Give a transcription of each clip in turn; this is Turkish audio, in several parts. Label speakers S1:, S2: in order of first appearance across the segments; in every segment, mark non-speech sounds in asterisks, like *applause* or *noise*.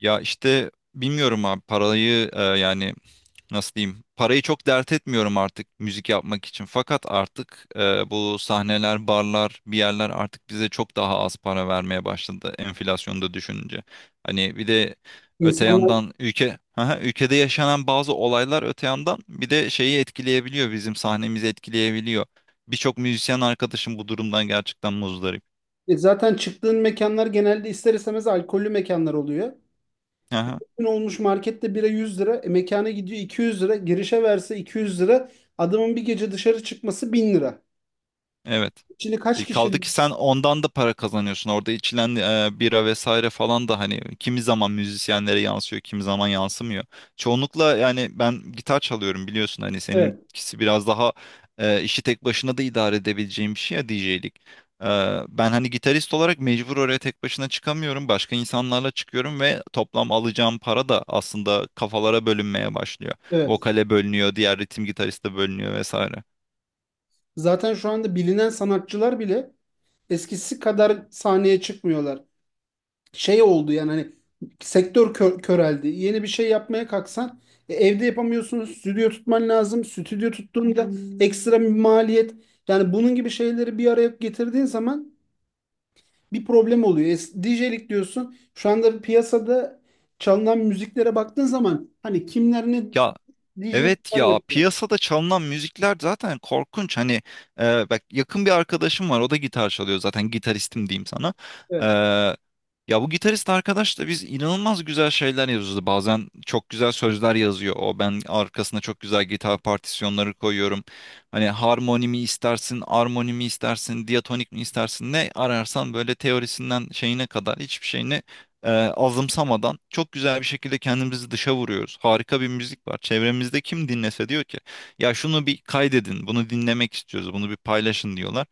S1: Ya işte bilmiyorum abi parayı yani nasıl diyeyim parayı çok dert etmiyorum artık müzik yapmak için. Fakat artık bu sahneler, barlar, bir yerler artık bize çok daha az para vermeye başladı enflasyonu da düşününce. Hani bir de öte
S2: İnsanlar
S1: yandan ülke *laughs* Aha, ülkede yaşanan bazı olaylar öte yandan bir de şeyi etkileyebiliyor bizim sahnemizi etkileyebiliyor. Birçok müzisyen arkadaşım bu durumdan gerçekten muzdarip.
S2: Zaten çıktığın mekanlar genelde ister istemez alkollü mekanlar oluyor.
S1: Aha,
S2: Bugün olmuş markette bira 100 lira, mekana gidiyor 200 lira, girişe verse 200 lira, adamın bir gece dışarı çıkması 1000 lira.
S1: evet.
S2: Şimdi kaç kişi?
S1: Kaldı ki sen ondan da para kazanıyorsun. Orada içilen bira vesaire falan da hani kimi zaman müzisyenlere yansıyor, kimi zaman yansımıyor. Çoğunlukla yani ben gitar çalıyorum biliyorsun hani
S2: Evet,
S1: seninkisi biraz daha işi tek başına da idare edebileceğim bir şey ya DJ'lik. E, Ben hani gitarist olarak mecbur oraya tek başına çıkamıyorum. Başka insanlarla çıkıyorum ve toplam alacağım para da aslında kafalara bölünmeye başlıyor.
S2: evet.
S1: Vokale bölünüyor, diğer ritim gitariste bölünüyor vesaire.
S2: Zaten şu anda bilinen sanatçılar bile eskisi kadar sahneye çıkmıyorlar. Şey oldu yani, hani sektör köreldi. Yeni bir şey yapmaya kalksan evde yapamıyorsun. Stüdyo tutman lazım. Stüdyo tuttuğunda ekstra bir maliyet. Yani bunun gibi şeyleri bir araya getirdiğin zaman bir problem oluyor. DJ'lik diyorsun. Şu anda piyasada çalınan müziklere baktığın zaman hani kimler ne
S1: Ya, evet,
S2: DJ'likler
S1: ya
S2: yapıyor.
S1: piyasada çalınan müzikler zaten korkunç hani bak yakın bir arkadaşım var o da gitar çalıyor zaten gitaristim diyeyim sana. E,
S2: Evet.
S1: Ya bu gitarist arkadaş da biz inanılmaz güzel şeyler yazıyoruz bazen çok güzel sözler yazıyor o ben arkasına çok güzel gitar partisyonları koyuyorum hani harmoni mi istersin armoni mi istersin diatonik mi istersin ne ararsan böyle teorisinden şeyine kadar hiçbir şeyini azımsamadan çok güzel bir şekilde kendimizi dışa vuruyoruz. Harika bir müzik var. Çevremizde kim dinlese diyor ki ya şunu bir kaydedin, bunu dinlemek istiyoruz, bunu bir paylaşın diyorlar.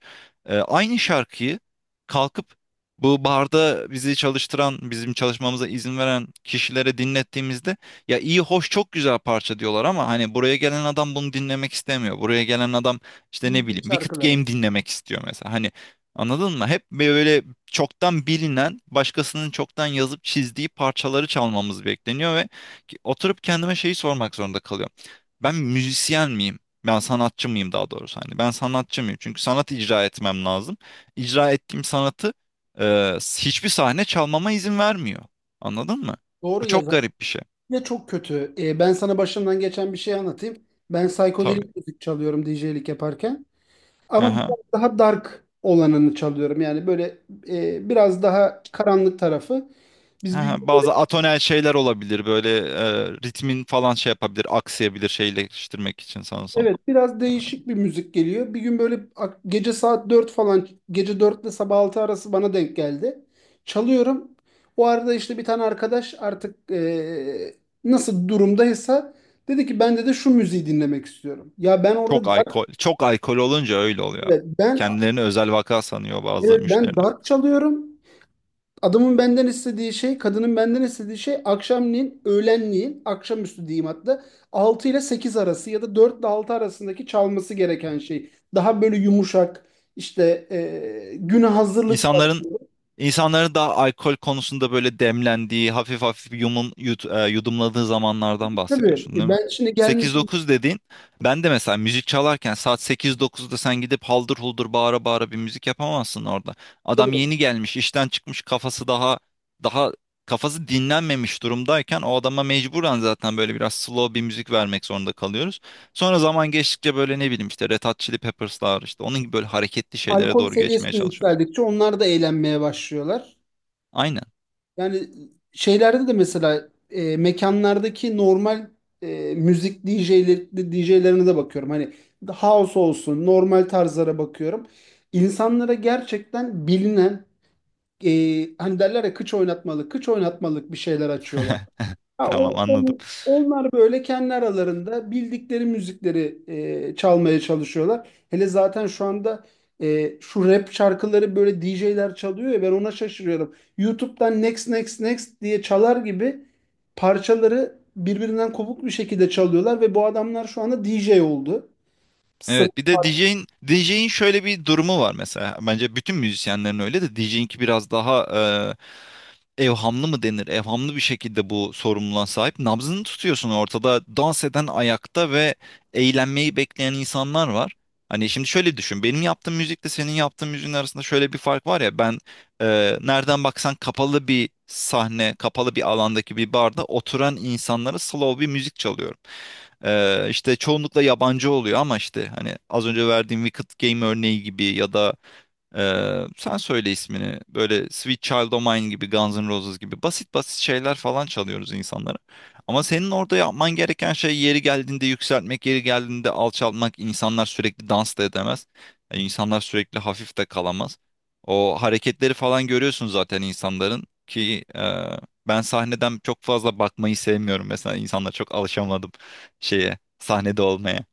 S1: Aynı şarkıyı kalkıp bu barda bizi çalıştıran, bizim çalışmamıza izin veren kişilere dinlettiğimizde ya iyi hoş çok güzel parça diyorlar ama hani buraya gelen adam bunu dinlemek istemiyor. Buraya gelen adam işte ne
S2: Bildiğin
S1: bileyim Wicked
S2: şarkıları.
S1: Game dinlemek istiyor mesela. Hani anladın mı? Hep böyle çoktan bilinen, başkasının çoktan yazıp çizdiği parçaları çalmamız bekleniyor ve oturup kendime şeyi sormak zorunda kalıyorum. Ben müzisyen miyim? Ben sanatçı mıyım daha doğrusu hani ben sanatçı mıyım? Çünkü sanat icra etmem lazım. İcra ettiğim sanatı hiçbir sahne çalmama izin vermiyor. Anladın mı?
S2: Doğru
S1: Bu çok
S2: yazar.
S1: garip bir şey.
S2: Ya çok kötü. Ben sana başımdan geçen bir şey anlatayım. Ben
S1: Tabii.
S2: psikodelik müzik çalıyorum DJ'lik yaparken. Ama
S1: Aha.
S2: biraz daha dark olanını çalıyorum. Yani böyle biraz daha karanlık tarafı. Biz bir
S1: Aha.
S2: gün böyle,
S1: Bazı atonel şeyler olabilir böyle ritmin falan şey yapabilir, aksayabilir şeyleştirmek için sanırsam.
S2: evet, biraz değişik bir müzik geliyor. Bir gün böyle gece saat 4 falan, gece 4 ile sabah 6 arası bana denk geldi. Çalıyorum. O arada işte bir tane arkadaş artık, nasıl durumdaysa, dedi ki ben de şu müziği dinlemek istiyorum. Ya ben orada
S1: Çok
S2: dark,
S1: alkol, çok alkol olunca öyle oluyor.
S2: evet, ben,
S1: Kendilerini özel vaka sanıyor bazı
S2: evet, ben
S1: müşteriler.
S2: dark çalıyorum. Adamın benden istediği şey, kadının benden istediği şey akşamleyin, öğlenleyin, akşamüstü diyeyim hatta, 6 ile 8 arası ya da 4 ile 6 arasındaki çalması gereken şey. Daha böyle yumuşak, işte güne hazırlık var.
S1: İnsanların İnsanların da alkol konusunda böyle demlendiği, hafif hafif yudumladığı zamanlardan
S2: Tabii,
S1: bahsediyorsun değil mi?
S2: ben şimdi
S1: Sekiz
S2: gelmediğim,
S1: dokuz dediğin, ben de mesela müzik çalarken saat sekiz dokuz'da sen gidip haldır huldur bağıra bağıra bir müzik yapamazsın orada. Adam
S2: tabii
S1: yeni gelmiş, işten çıkmış, kafası daha daha kafası dinlenmemiş durumdayken o adama mecburen zaten böyle biraz slow bir müzik vermek zorunda kalıyoruz. Sonra zaman geçtikçe böyle ne bileyim işte Red Hot Chili Peppers'lar işte onun gibi böyle hareketli şeylere
S2: alkol
S1: doğru
S2: seviyesi
S1: geçmeye
S2: de
S1: çalışıyoruz.
S2: yükseldikçe onlar da eğlenmeye başlıyorlar.
S1: Aynen.
S2: Yani şeylerde de mesela mekanlardaki normal müzik DJ'leri, DJ'lerine de bakıyorum. Hani house olsun, normal tarzlara bakıyorum. İnsanlara gerçekten bilinen, e, hani derler ya, kıç oynatmalık, kıç oynatmalık bir şeyler açıyorlar. Ha,
S1: Tamam anladım.
S2: onlar böyle kendi aralarında bildikleri müzikleri çalmaya çalışıyorlar. Hele zaten şu anda şu rap şarkıları böyle DJ'ler çalıyor ya, ben ona şaşırıyorum. YouTube'dan next next next diye çalar gibi parçaları birbirinden kopuk bir şekilde çalıyorlar ve bu adamlar şu anda DJ oldu.
S1: Evet bir de DJ'in şöyle bir durumu var mesela. Bence bütün müzisyenlerin öyle de DJ'inki biraz daha evhamlı mı denir? Evhamlı bir şekilde bu sorumluluğa sahip. Nabzını tutuyorsun ortada. Dans eden ayakta ve eğlenmeyi bekleyen insanlar var. Hani şimdi şöyle düşün. Benim yaptığım müzikle senin yaptığın müziğin arasında şöyle bir fark var ya. Ben nereden baksan kapalı bir sahne, kapalı bir alandaki bir barda oturan insanlara slow bir müzik çalıyorum. İşte çoğunlukla yabancı oluyor ama işte hani az önce verdiğim Wicked Game örneği gibi ya da sen söyle ismini. Böyle Sweet Child O' Mine gibi, Guns N' Roses gibi basit basit şeyler falan çalıyoruz insanlara. Ama senin orada yapman gereken şey yeri geldiğinde yükseltmek, yeri geldiğinde alçaltmak. İnsanlar sürekli dans da edemez. Yani insanlar sürekli hafif de kalamaz. O hareketleri falan görüyorsun zaten insanların ki ben sahneden çok fazla bakmayı sevmiyorum. Mesela insanlar çok alışamadım şeye, sahnede olmaya.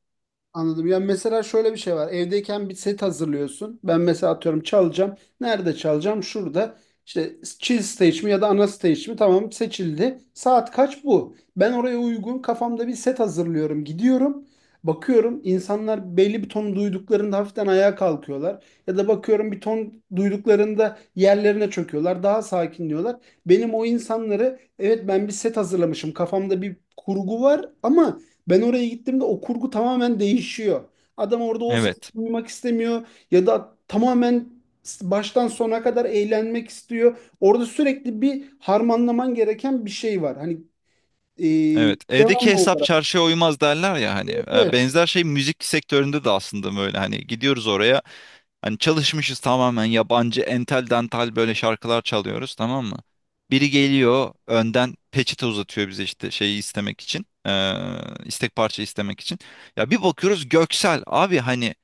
S2: Anladım. Ya mesela şöyle bir şey var. Evdeyken bir set hazırlıyorsun. Ben mesela atıyorum çalacağım. Nerede çalacağım? Şurada. İşte chill stage mi ya da ana stage mi? Tamam, seçildi. Saat kaç bu? Ben oraya uygun kafamda bir set hazırlıyorum. Gidiyorum. Bakıyorum insanlar belli bir ton duyduklarında hafiften ayağa kalkıyorlar. Ya da bakıyorum bir ton duyduklarında yerlerine çöküyorlar. Daha sakinliyorlar. Benim o insanları, evet, ben bir set hazırlamışım. Kafamda bir kurgu var ama ben oraya gittiğimde o kurgu tamamen değişiyor. Adam orada o sesi
S1: Evet.
S2: duymak istemiyor ya da tamamen baştan sona kadar eğlenmek istiyor. Orada sürekli bir harmanlaman gereken bir şey var. Hani e,
S1: Evet, evdeki
S2: devamlı
S1: hesap
S2: olarak.
S1: çarşıya uymaz derler ya hani.
S2: Evet, evet.
S1: Benzer şey müzik sektöründe de aslında böyle hani gidiyoruz oraya hani çalışmışız tamamen yabancı entel dantal böyle şarkılar çalıyoruz tamam mı? Biri geliyor önden peçete uzatıyor bize işte şeyi istemek için istek parça istemek için ya bir bakıyoruz Göksel abi hani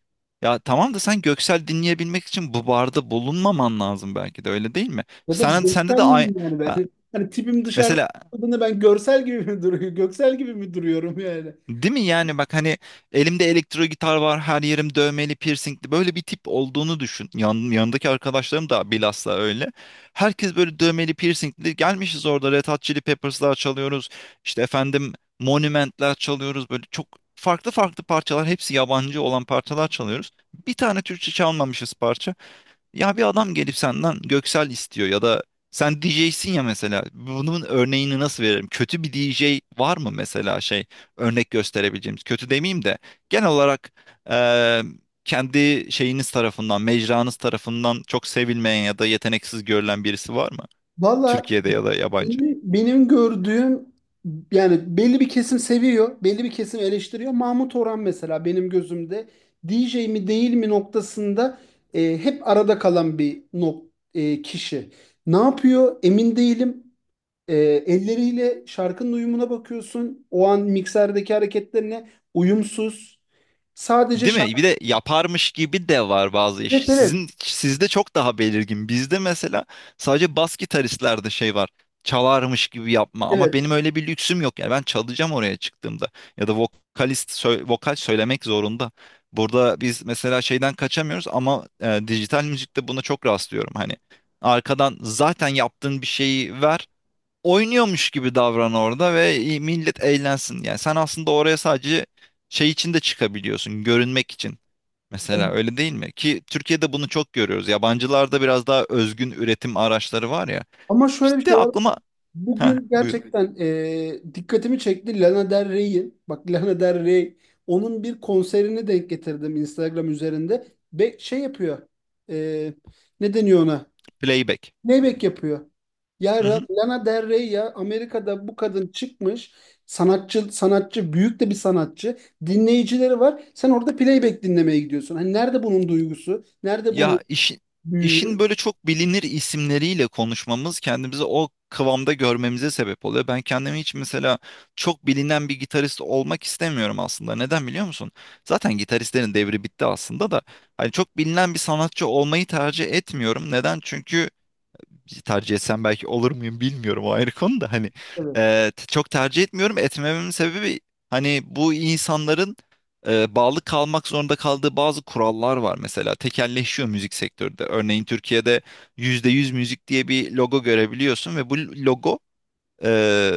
S1: ya tamam da sen Göksel dinleyebilmek için bu barda bulunmaman lazım belki de öyle değil mi?
S2: Ya da
S1: Sende
S2: göksel
S1: de aynı.
S2: miyim yani ben?
S1: Ha,
S2: *laughs* Hani tipim dışarıda
S1: mesela
S2: olduğunda ben görsel gibi mi duruyor? Göksel gibi mi duruyorum yani?
S1: değil mi yani, bak hani elimde elektro gitar var her yerim dövmeli piercingli böyle bir tip olduğunu düşün. Yanındaki arkadaşlarım da bilhassa öyle. Herkes böyle dövmeli piercingli gelmişiz orada Red Hot Chili Peppers'lar çalıyoruz. İşte efendim Monument'ler çalıyoruz böyle çok farklı farklı parçalar hepsi yabancı olan parçalar çalıyoruz. Bir tane Türkçe çalmamışız parça. Ya bir adam gelip senden Göksel istiyor ya da sen DJ'sin ya mesela. Bunun örneğini nasıl veririm? Kötü bir DJ var mı mesela şey örnek gösterebileceğimiz? Kötü demeyeyim de genel olarak eee, kendi şeyiniz tarafından, mecranız tarafından çok sevilmeyen ya da yeteneksiz görülen birisi var mı?
S2: Valla,
S1: Türkiye'de ya da yabancı.
S2: benim gördüğüm, yani belli bir kesim seviyor, belli bir kesim eleştiriyor. Mahmut Orhan mesela benim gözümde DJ mi değil mi noktasında hep arada kalan bir kişi. Ne yapıyor? Emin değilim. E, Elleriyle şarkının uyumuna bakıyorsun. O an mikserdeki hareketlerine uyumsuz. Sadece
S1: Değil mi? Bir
S2: şarkı.
S1: de yaparmış gibi de var bazı iş.
S2: Evet, evet.
S1: Sizin sizde çok daha belirgin. Bizde mesela sadece bas gitaristlerde şey var. Çalarmış gibi yapma. Ama
S2: Evet.
S1: benim öyle bir lüksüm yok. Yani ben çalacağım oraya çıktığımda. Ya da vokalist vokal söylemek zorunda. Burada biz mesela şeyden kaçamıyoruz ama dijital müzikte buna çok rastlıyorum. Hani arkadan zaten yaptığın bir şeyi ver oynuyormuş gibi davran orada ve millet eğlensin. Yani sen aslında oraya sadece şey için de çıkabiliyorsun, görünmek için. Mesela öyle değil mi? Ki Türkiye'de bunu çok görüyoruz. Yabancılarda biraz daha özgün üretim araçları var ya.
S2: Ama şöyle bir
S1: İşte
S2: şey var.
S1: aklıma... Ha
S2: Bugün
S1: buyur.
S2: gerçekten dikkatimi çekti Lana Del Rey'in. Bak, Lana Del Rey, onun bir konserini denk getirdim Instagram üzerinde. Ve şey yapıyor. E, Ne deniyor ona?
S1: Playback.
S2: Playback yapıyor.
S1: Hı hı.
S2: Lana Del Rey, ya Amerika'da bu kadın çıkmış. Sanatçı, sanatçı, büyük de bir sanatçı. Dinleyicileri var. Sen orada playback dinlemeye gidiyorsun. Hani nerede bunun duygusu? Nerede bunun
S1: Ya işin
S2: büyüğü?
S1: böyle çok bilinir isimleriyle konuşmamız kendimizi o kıvamda görmemize sebep oluyor. Ben kendimi hiç mesela çok bilinen bir gitarist olmak istemiyorum aslında. Neden biliyor musun? Zaten gitaristlerin devri bitti aslında da. Hani çok bilinen bir sanatçı olmayı tercih etmiyorum. Neden? Çünkü tercih etsem belki olur muyum bilmiyorum o ayrı konu da hani
S2: Evet.
S1: çok tercih etmiyorum etmememin sebebi hani bu insanların bağlı kalmak zorunda kaldığı bazı kurallar var mesela tekelleşiyor müzik sektörde örneğin Türkiye'de %100 müzik diye bir logo görebiliyorsun ve bu logo ee,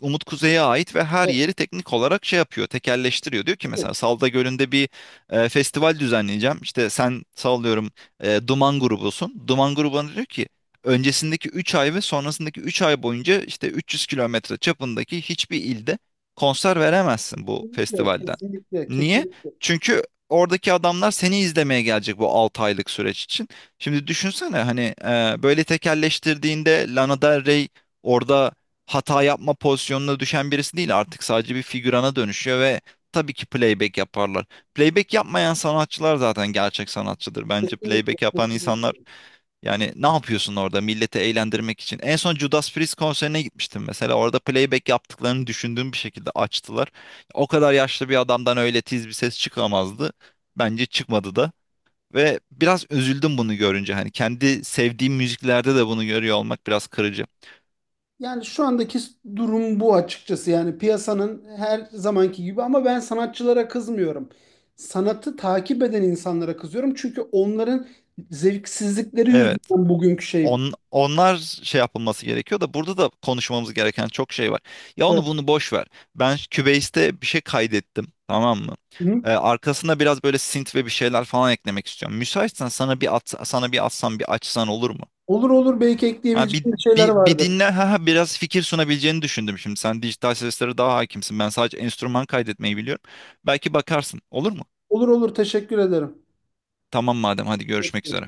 S1: Umut Kuzey'e ait ve her
S2: Evet.
S1: yeri teknik olarak şey yapıyor, tekelleştiriyor. Diyor ki
S2: Evet.
S1: mesela Salda Gölü'nde bir festival düzenleyeceğim. İşte sen sallıyorum Duman grubusun. Duman grubuna diyor ki öncesindeki 3 ay ve sonrasındaki 3 ay boyunca işte 300 kilometre çapındaki hiçbir ilde konser veremezsin bu
S2: Kesinlikle,
S1: festivalden.
S2: kesinlikle,
S1: Niye?
S2: kesinlikle.
S1: Çünkü oradaki adamlar seni izlemeye gelecek bu 6 aylık süreç için. Şimdi düşünsene hani böyle tekelleştirdiğinde Lana Del Rey orada hata yapma pozisyonuna düşen birisi değil artık sadece bir figürana dönüşüyor ve tabii ki playback yaparlar. Playback yapmayan sanatçılar zaten gerçek sanatçıdır. Bence
S2: Kesinlikle,
S1: playback yapan
S2: kesinlikle.
S1: insanlar yani ne yapıyorsun orada milleti eğlendirmek için? En son Judas Priest konserine gitmiştim mesela. Orada playback yaptıklarını düşündüğüm bir şekilde açtılar. O kadar yaşlı bir adamdan öyle tiz bir ses çıkamazdı. Bence çıkmadı da. Ve biraz üzüldüm bunu görünce. Hani kendi sevdiğim müziklerde de bunu görüyor olmak biraz kırıcı.
S2: Yani şu andaki durum bu açıkçası. Yani piyasanın her zamanki gibi, ama ben sanatçılara kızmıyorum. Sanatı takip eden insanlara kızıyorum. Çünkü onların zevksizlikleri
S1: Evet.
S2: yüzünden bugünkü şey.
S1: Onlar şey yapılması gerekiyor da burada da konuşmamız gereken çok şey var. Ya
S2: Evet.
S1: onu bunu boş ver. Ben Cubase'de bir şey kaydettim, tamam mı?
S2: Hı?
S1: Arkasına biraz böyle synth ve bir şeyler falan eklemek istiyorum. Müsaitsen sana bir atsam bir açsan olur mu?
S2: Olur olur, belki
S1: Ha, bir,
S2: ekleyebileceğim şeyler
S1: bir, bir
S2: vardır.
S1: dinle ha, ha, biraz fikir sunabileceğini düşündüm şimdi. Sen dijital seslere daha hakimsin. Ben sadece enstrüman kaydetmeyi biliyorum. Belki bakarsın. Olur mu?
S2: Olur olur, teşekkür ederim.
S1: Tamam madem hadi görüşmek üzere.